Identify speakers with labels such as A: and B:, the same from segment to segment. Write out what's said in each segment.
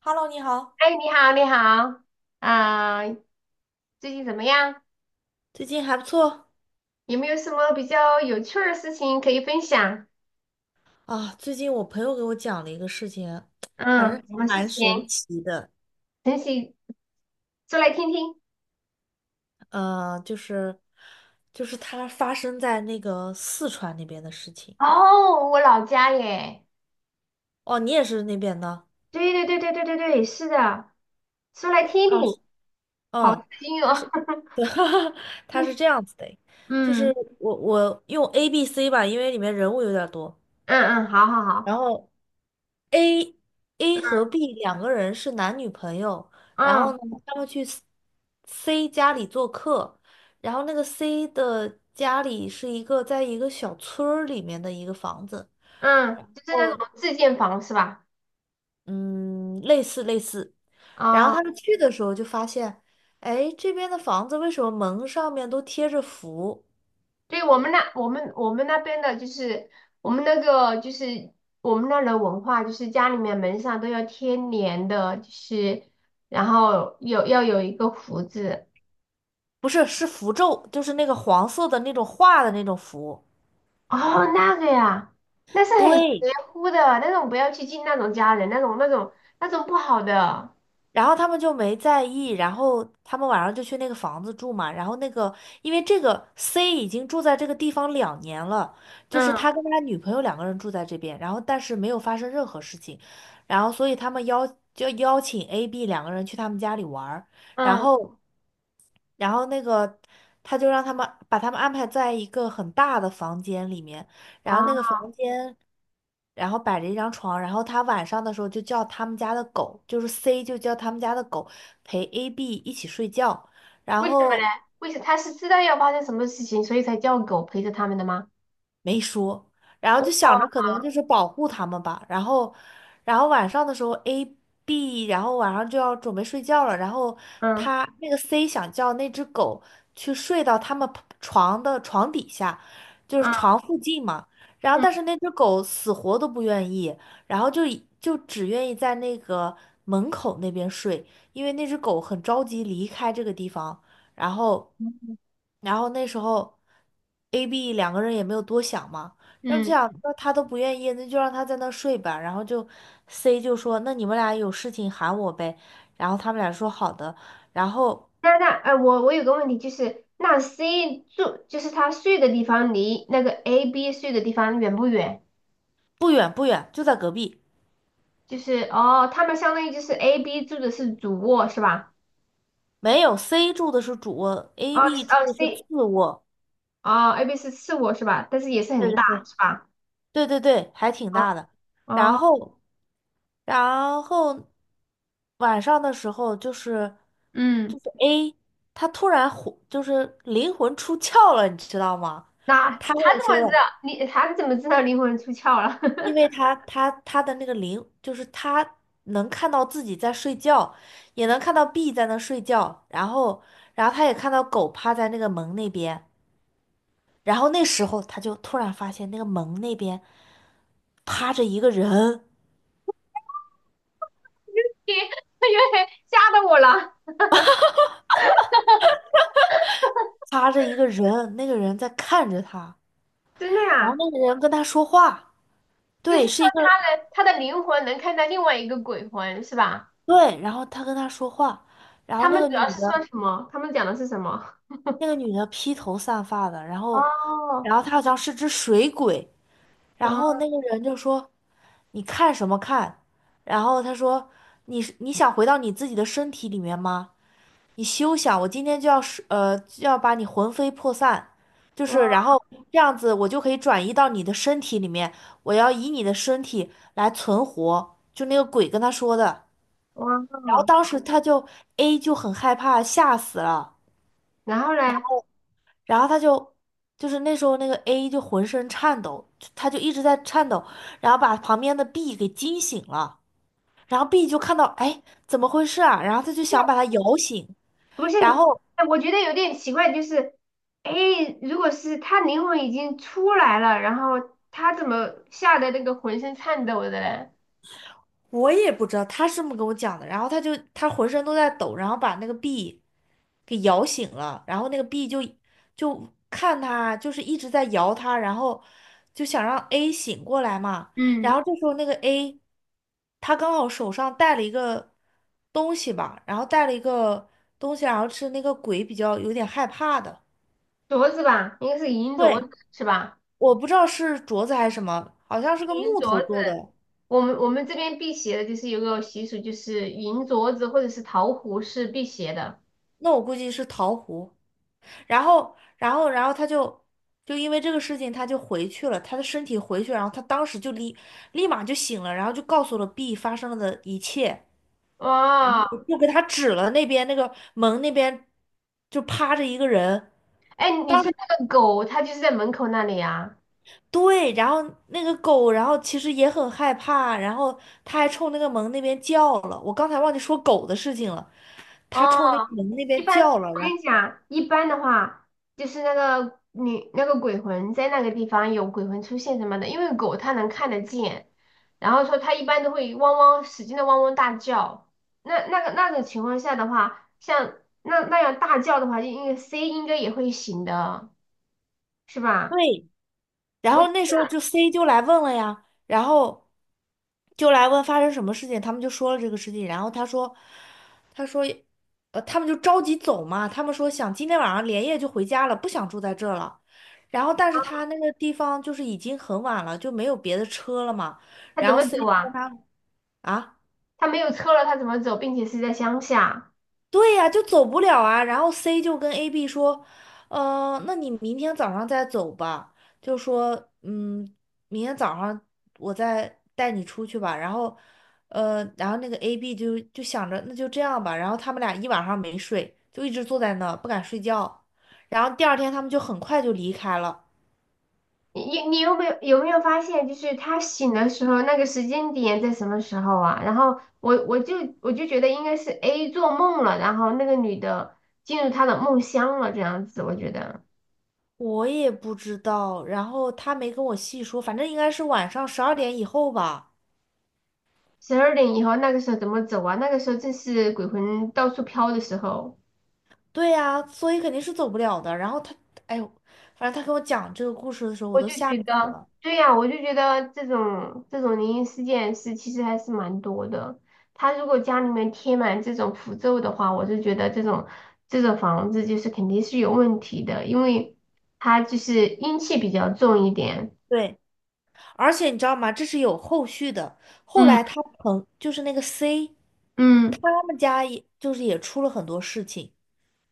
A: Hello，你好，
B: 哎，你好，你好，啊，最近怎么样？
A: 最近还不错
B: 有没有什么比较有趣儿的事情可以分享？
A: 啊。最近我朋友给我讲了一个事情，反
B: 嗯，
A: 正
B: 什
A: 还
B: 么事
A: 蛮神
B: 情？
A: 奇的。
B: 晨曦，说来听听。
A: 呃，就是就是它发生在那个四川那边的事情。
B: 哦，我老家耶。
A: 哦，你也是那边的
B: 对对对对对对对，是的，说来听
A: 啊？
B: 听，
A: 是。
B: 好
A: 嗯，
B: 刺
A: 他
B: 哦。
A: 是，对，他是 这样子的，就
B: 嗯
A: 是我用 A、B、C 吧，因为里面人物有点多。
B: 嗯嗯，好好好，
A: 然后 A A 和
B: 嗯
A: B 两个人是男女朋友，然后
B: 嗯
A: 呢，他们去 C 家里做客，然后那个 C 的家里是在一个小村儿里面的一个房子。
B: 嗯，就是那
A: 哦，
B: 种自建房是吧？
A: 嗯，类似类似。然后
B: 哦。
A: 他们去的时候就发现，哎，这边的房子为什么门上面都贴着符？
B: 对，我们那个就是我们那儿的文化，就是家里面门上都要贴年的，就是然后要有一个福字。
A: 不是，是符咒，就是那个黄色的那种画的那种符。
B: 哦，那个呀，那是很邪
A: 对，
B: 乎的，那种不要去进那种家人，那种不好的。
A: 然后他们就没在意，然后他们晚上就去那个房子住嘛。然后那个，因为这个 C 已经住在这个地方2年了，就是
B: 嗯
A: 他跟他女朋友两个人住在这边，然后但是没有发生任何事情，然后所以他们邀就邀请 A、B 两个人去他们家里玩儿。然
B: 嗯，
A: 后然后那个他就让他们把他们安排在一个很大的房间里面，然后那个
B: 啊，
A: 房间，然后摆着一张床，然后他晚上的时候就叫他们家的狗，就是 C 就叫他们家的狗陪 AB 一起睡觉，然
B: 为什么嘞？
A: 后。
B: 他是知道要发生什么事情，所以才叫狗陪着他们的吗？
A: 没说，然后
B: 哦，
A: 就想着可能就是保护他们吧。然后然后晚上的时候 然后晚上就要准备睡觉了，然后
B: 嗯
A: 那个 C 想叫那只狗去睡到他们 床的床底下，就是
B: 嗯
A: 床附近嘛。然后
B: 嗯
A: 但是那只狗死活都不愿意，然后就只愿意在那个门口那边睡，因为那只狗很着急离开这个地方。然后，
B: 嗯。
A: 然后那时候，A、B 两个人也没有多想嘛，然后就
B: 嗯，
A: 想，那他都不愿意，那就让他在那睡吧。然后C 就说，那你们俩有事情喊我呗。然后他们俩说好的。然后
B: 那哎，我有个问题，就是那 C 住，就是他睡的地方离那个 A、B 睡的地方远不远？
A: 不远不远，就在隔壁。
B: 就是哦，他们相当于就是 A、B 住的是主卧是吧？
A: 没有，C 住的是主卧，A、
B: 哦
A: B
B: 是
A: 住
B: 哦，
A: 的是 次卧。
B: A、B 是次卧是吧？但是也是
A: 对
B: 很
A: 对
B: 大
A: 对。
B: 是吧？
A: 对对对，还挺
B: 哦
A: 大的。然
B: 哦，
A: 后，然后晚上的时候就是
B: 嗯，
A: 就是 A，他突然就是灵魂出窍了，你知道吗？
B: 那
A: 他跟
B: 他
A: 我
B: 怎么
A: 说
B: 知道？
A: 了，
B: 你他怎么知道灵魂出窍了？
A: 因 为他的那个灵就是他能看到自己在睡觉，也能看到 B 在那睡觉，然后他也看到狗趴在那个门那边，然后那时候他就突然发现那个门那边趴着一个人。
B: 因为因为吓到我了。
A: 趴着一个人，那个人在看着他，
B: 真的
A: 然后
B: 呀，
A: 那个人跟他说话。
B: 就是
A: 对，
B: 说
A: 是一个
B: 他的灵魂能看到另外一个鬼魂是吧？
A: 对，然后他跟他说话。然后
B: 他们主要是说什么？他们讲的是什么？
A: 那个女的，披头散发的，然后，
B: 哦，
A: 然后她好像是只水鬼，然后
B: 哇
A: 那个人就说：“你看什么看？”然后他说：你想回到你自己的身体里面吗？你休想！我今天就要把你魂飞魄散，就是然
B: 哇
A: 后这样子，我就可以转移到你的身体里面，我要以你的身体来存活。”就那个鬼跟他说的。然后
B: 哇！
A: 当时A 就很害怕，吓死了，
B: 然后呢？
A: 然后就是那时候那个 A 就浑身颤抖，他就一直在颤抖，然后把旁边的 B 给惊醒了，然后 B 就看到哎怎么回事啊，然后他就想把他摇醒。
B: 不是，
A: 然后
B: 哎，我觉得有点奇怪，就是，哎，如果是他灵魂已经出来了，然后他怎么吓得那个浑身颤抖的嘞？
A: 我也不知道他是这么跟我讲的，然后他浑身都在抖，然后把那个 B 给摇醒了，然后那个 B 就看他，就是一直在摇他，然后就想让 A 醒过来嘛。然
B: 嗯，
A: 后这时候那个 A 他刚好手上带了一个东西吧，然后带了一个东西，然后是那个鬼比较有点害怕的。
B: 镯子吧，应该是银镯
A: 对，
B: 子是吧？
A: 我不知道是镯子还是什么，好像是个
B: 银
A: 木
B: 镯
A: 头
B: 子，
A: 做的。
B: 我们这边辟邪的，就是有个习俗，就是银镯子或者是桃核是辟邪的。
A: 那我估计是桃核。然后，然后，然后就因为这个事情，他就回去了，他的身体回去，然后他当时就立马就醒了，然后就告诉了 B 发生了的一切，然
B: 哇，
A: 后就给他指了那边那个门那边就趴着一个人。
B: 哎，你说那个狗，它就是在门口那里啊？
A: 对，然后那个狗，然后其实也很害怕，然后他还冲那个门那边叫了，我刚才忘记说狗的事情了，他
B: 哦，
A: 冲那个门那
B: 一
A: 边
B: 般
A: 叫了，
B: 我
A: 然
B: 跟
A: 后
B: 你讲，一般的话，就是那个你那个鬼魂在那个地方有鬼魂出现什么的，因为狗它能看得见，然后说它一般都会汪汪使劲的汪汪大叫。那个那种情况下的话，像那样大叫的话，就应该 C 应该也会醒的，是吧？
A: 对。然后那
B: 我
A: 时候就 C 就来问了呀，然后就来问发生什么事情，他们就说了这个事情，然后他说，他说，他们就着急走嘛，他们说想今天晚上连夜就回家了，不想住在这儿了。然后，但是他那个地方就是已经很晚了，就没有别的车了嘛。
B: 它怎
A: 然后
B: 么
A: C
B: 走
A: 就跟
B: 啊？
A: 他啊。
B: 它没有车了，它怎么走？并且是在乡下。
A: 对呀，就走不了啊。然后 C 就跟 AB 说，那你明天早上再走吧。就说，明天早上我再带你出去吧。然后，然后那个 AB 就想着那就这样吧。然后他们俩一晚上没睡，就一直坐在那儿不敢睡觉。然后第二天他们就很快就离开了。
B: 你有没有发现，就是他醒的时候那个时间点在什么时候啊？然后我就觉得应该是 A 做梦了，然后那个女的进入他的梦乡了，这样子我觉得
A: 我也不知道，然后他没跟我细说，反正应该是晚上12点以后吧。
B: 12点以后那个时候怎么走啊？那个时候正是鬼魂到处飘的时候。
A: 对呀、所以肯定是走不了的。然后他，哎呦，反正他跟我讲这个故事的时候，我
B: 我
A: 都
B: 就
A: 吓
B: 觉
A: 死
B: 得，
A: 了。
B: 对呀，我就觉得这种灵异事件是其实还是蛮多的。他如果家里面贴满这种符咒的话，我就觉得这种房子就是肯定是有问题的，因为它就是阴气比较重一点。
A: 对，而且你知道吗？这是有后续的。后来
B: 嗯
A: 就是那个 C，
B: 嗯，
A: 他们家也就是也出了很多事情，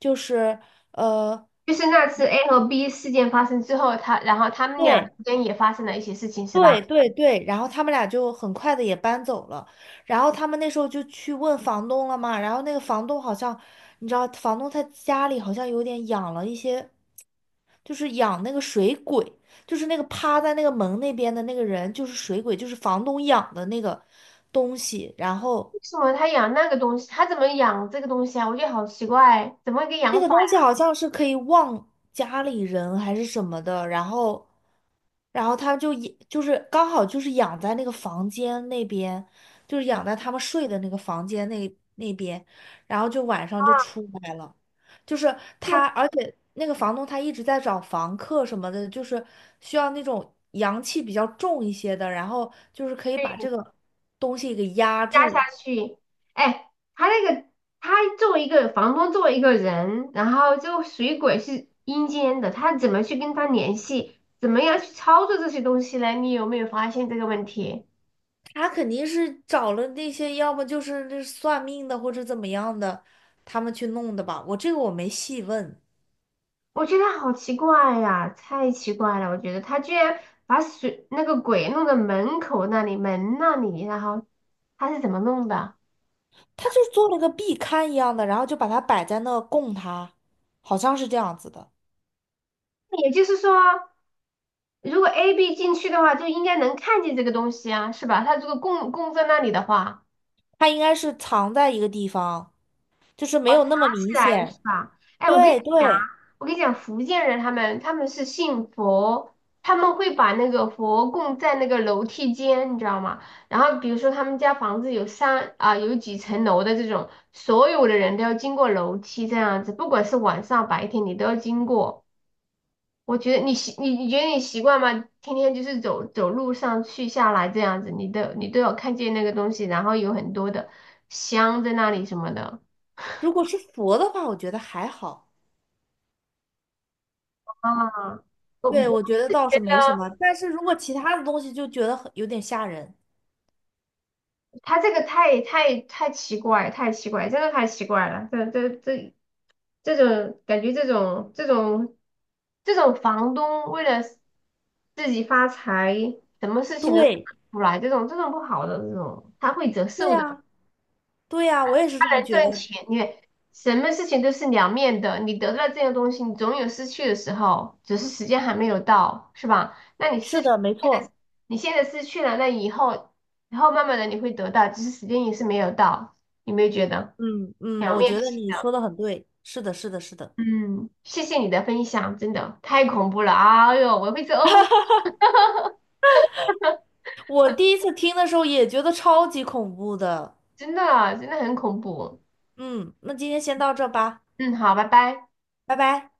A: 就是呃，
B: 就是那次 A 和 B 事件发生之后，他然后他们俩
A: 对，
B: 之间也发生了一些事情，是吧？
A: 对对对，然后他们俩就很快的也搬走了，然后他们那时候就去问房东了嘛，然后那个房东好像，你知道，房东他家里好像有点养了一些，就是养那个水鬼，就是那个趴在那个门那边的那个人，就是水鬼，就是房东养的那个东西，然后。
B: 为什么他养那个东西？他怎么养这个东西啊？我觉得好奇怪，怎么一个
A: 这
B: 养
A: 个
B: 法？
A: 东西好像是可以忘家里人还是什么的。然后他就也就是刚好就是养在那个房间那边，就是养在他们睡的那个房间那边，然后就晚上就出来了，就是他，而且那个房东他一直在找房客什么的，就是需要那种阳气比较重一些的，然后就是可以把
B: 对。
A: 这个东西给压
B: 压下
A: 住。
B: 去。哎，他那个他作为一个房东，作为一个人，然后就水鬼是阴间的，他怎么去跟他联系？怎么样去操作这些东西呢？你有没有发现这个问题？
A: 他肯定是找了那些，要么就是那算命的，或者怎么样的，他们去弄的吧。我这个我没细问，
B: 我觉得好奇怪呀，太奇怪了！我觉得他居然把那个鬼弄到门口那里、门那里，然后他是怎么弄的？
A: 他就做了个壁龛一样的，然后就把它摆在那供他，好像是这样子的。
B: 也就是说，如果 A、B 进去的话，就应该能看见这个东西啊，是吧？他如果供供在那里的话。
A: 他应该是藏在一个地方，就是没有那么明
B: 自然是
A: 显。
B: 吧？哎，我跟你
A: 对
B: 讲啊，
A: 对，
B: 我跟你讲，福建人他们是信佛，他们会把那个佛供在那个楼梯间，你知道吗？然后比如说他们家房子有三啊，有几层楼的这种，所有的人都要经过楼梯这样子，不管是晚上白天你都要经过。我觉得你觉得你习惯吗？天天就是走走路上去下来这样子，你都有看见那个东西，然后有很多的香在那里什么的。
A: 如果是佛的话，我觉得还好。
B: 啊，我
A: 对，我觉得
B: 是
A: 倒
B: 觉
A: 是没什
B: 得。
A: 么，但是如果其他的东西，就觉得很有点吓人。
B: 他这个太太太奇怪，太奇怪，真的太奇怪了。这种感觉，这种房东为了自己发财，什么事情都干
A: 对，
B: 不出来，这种不好的这种，他会折
A: 对
B: 寿的。
A: 呀，对呀，我也是这么觉
B: 赚
A: 得。
B: 钱，你看什么事情都是两面的，你得到这个东西，你总有失去的时候，只是时间还没有到，是吧？那你
A: 是
B: 失去
A: 的，没
B: 现在
A: 错。
B: 你现在失去了，那以后，以后慢慢的你会得到，只是时间也是没有到，有没有觉得
A: 嗯嗯，
B: 两
A: 我
B: 面
A: 觉得
B: 性
A: 你
B: 的？
A: 说的很对，是的，是的，是的。
B: 嗯，谢谢你的分享，真的太恐怖了，哎呦，我会做噩梦，
A: 我第一次听的时候也觉得超级恐怖的。
B: 真的真的很恐怖。
A: 嗯，那今天先到这吧，
B: 嗯，好，拜拜。
A: 拜拜。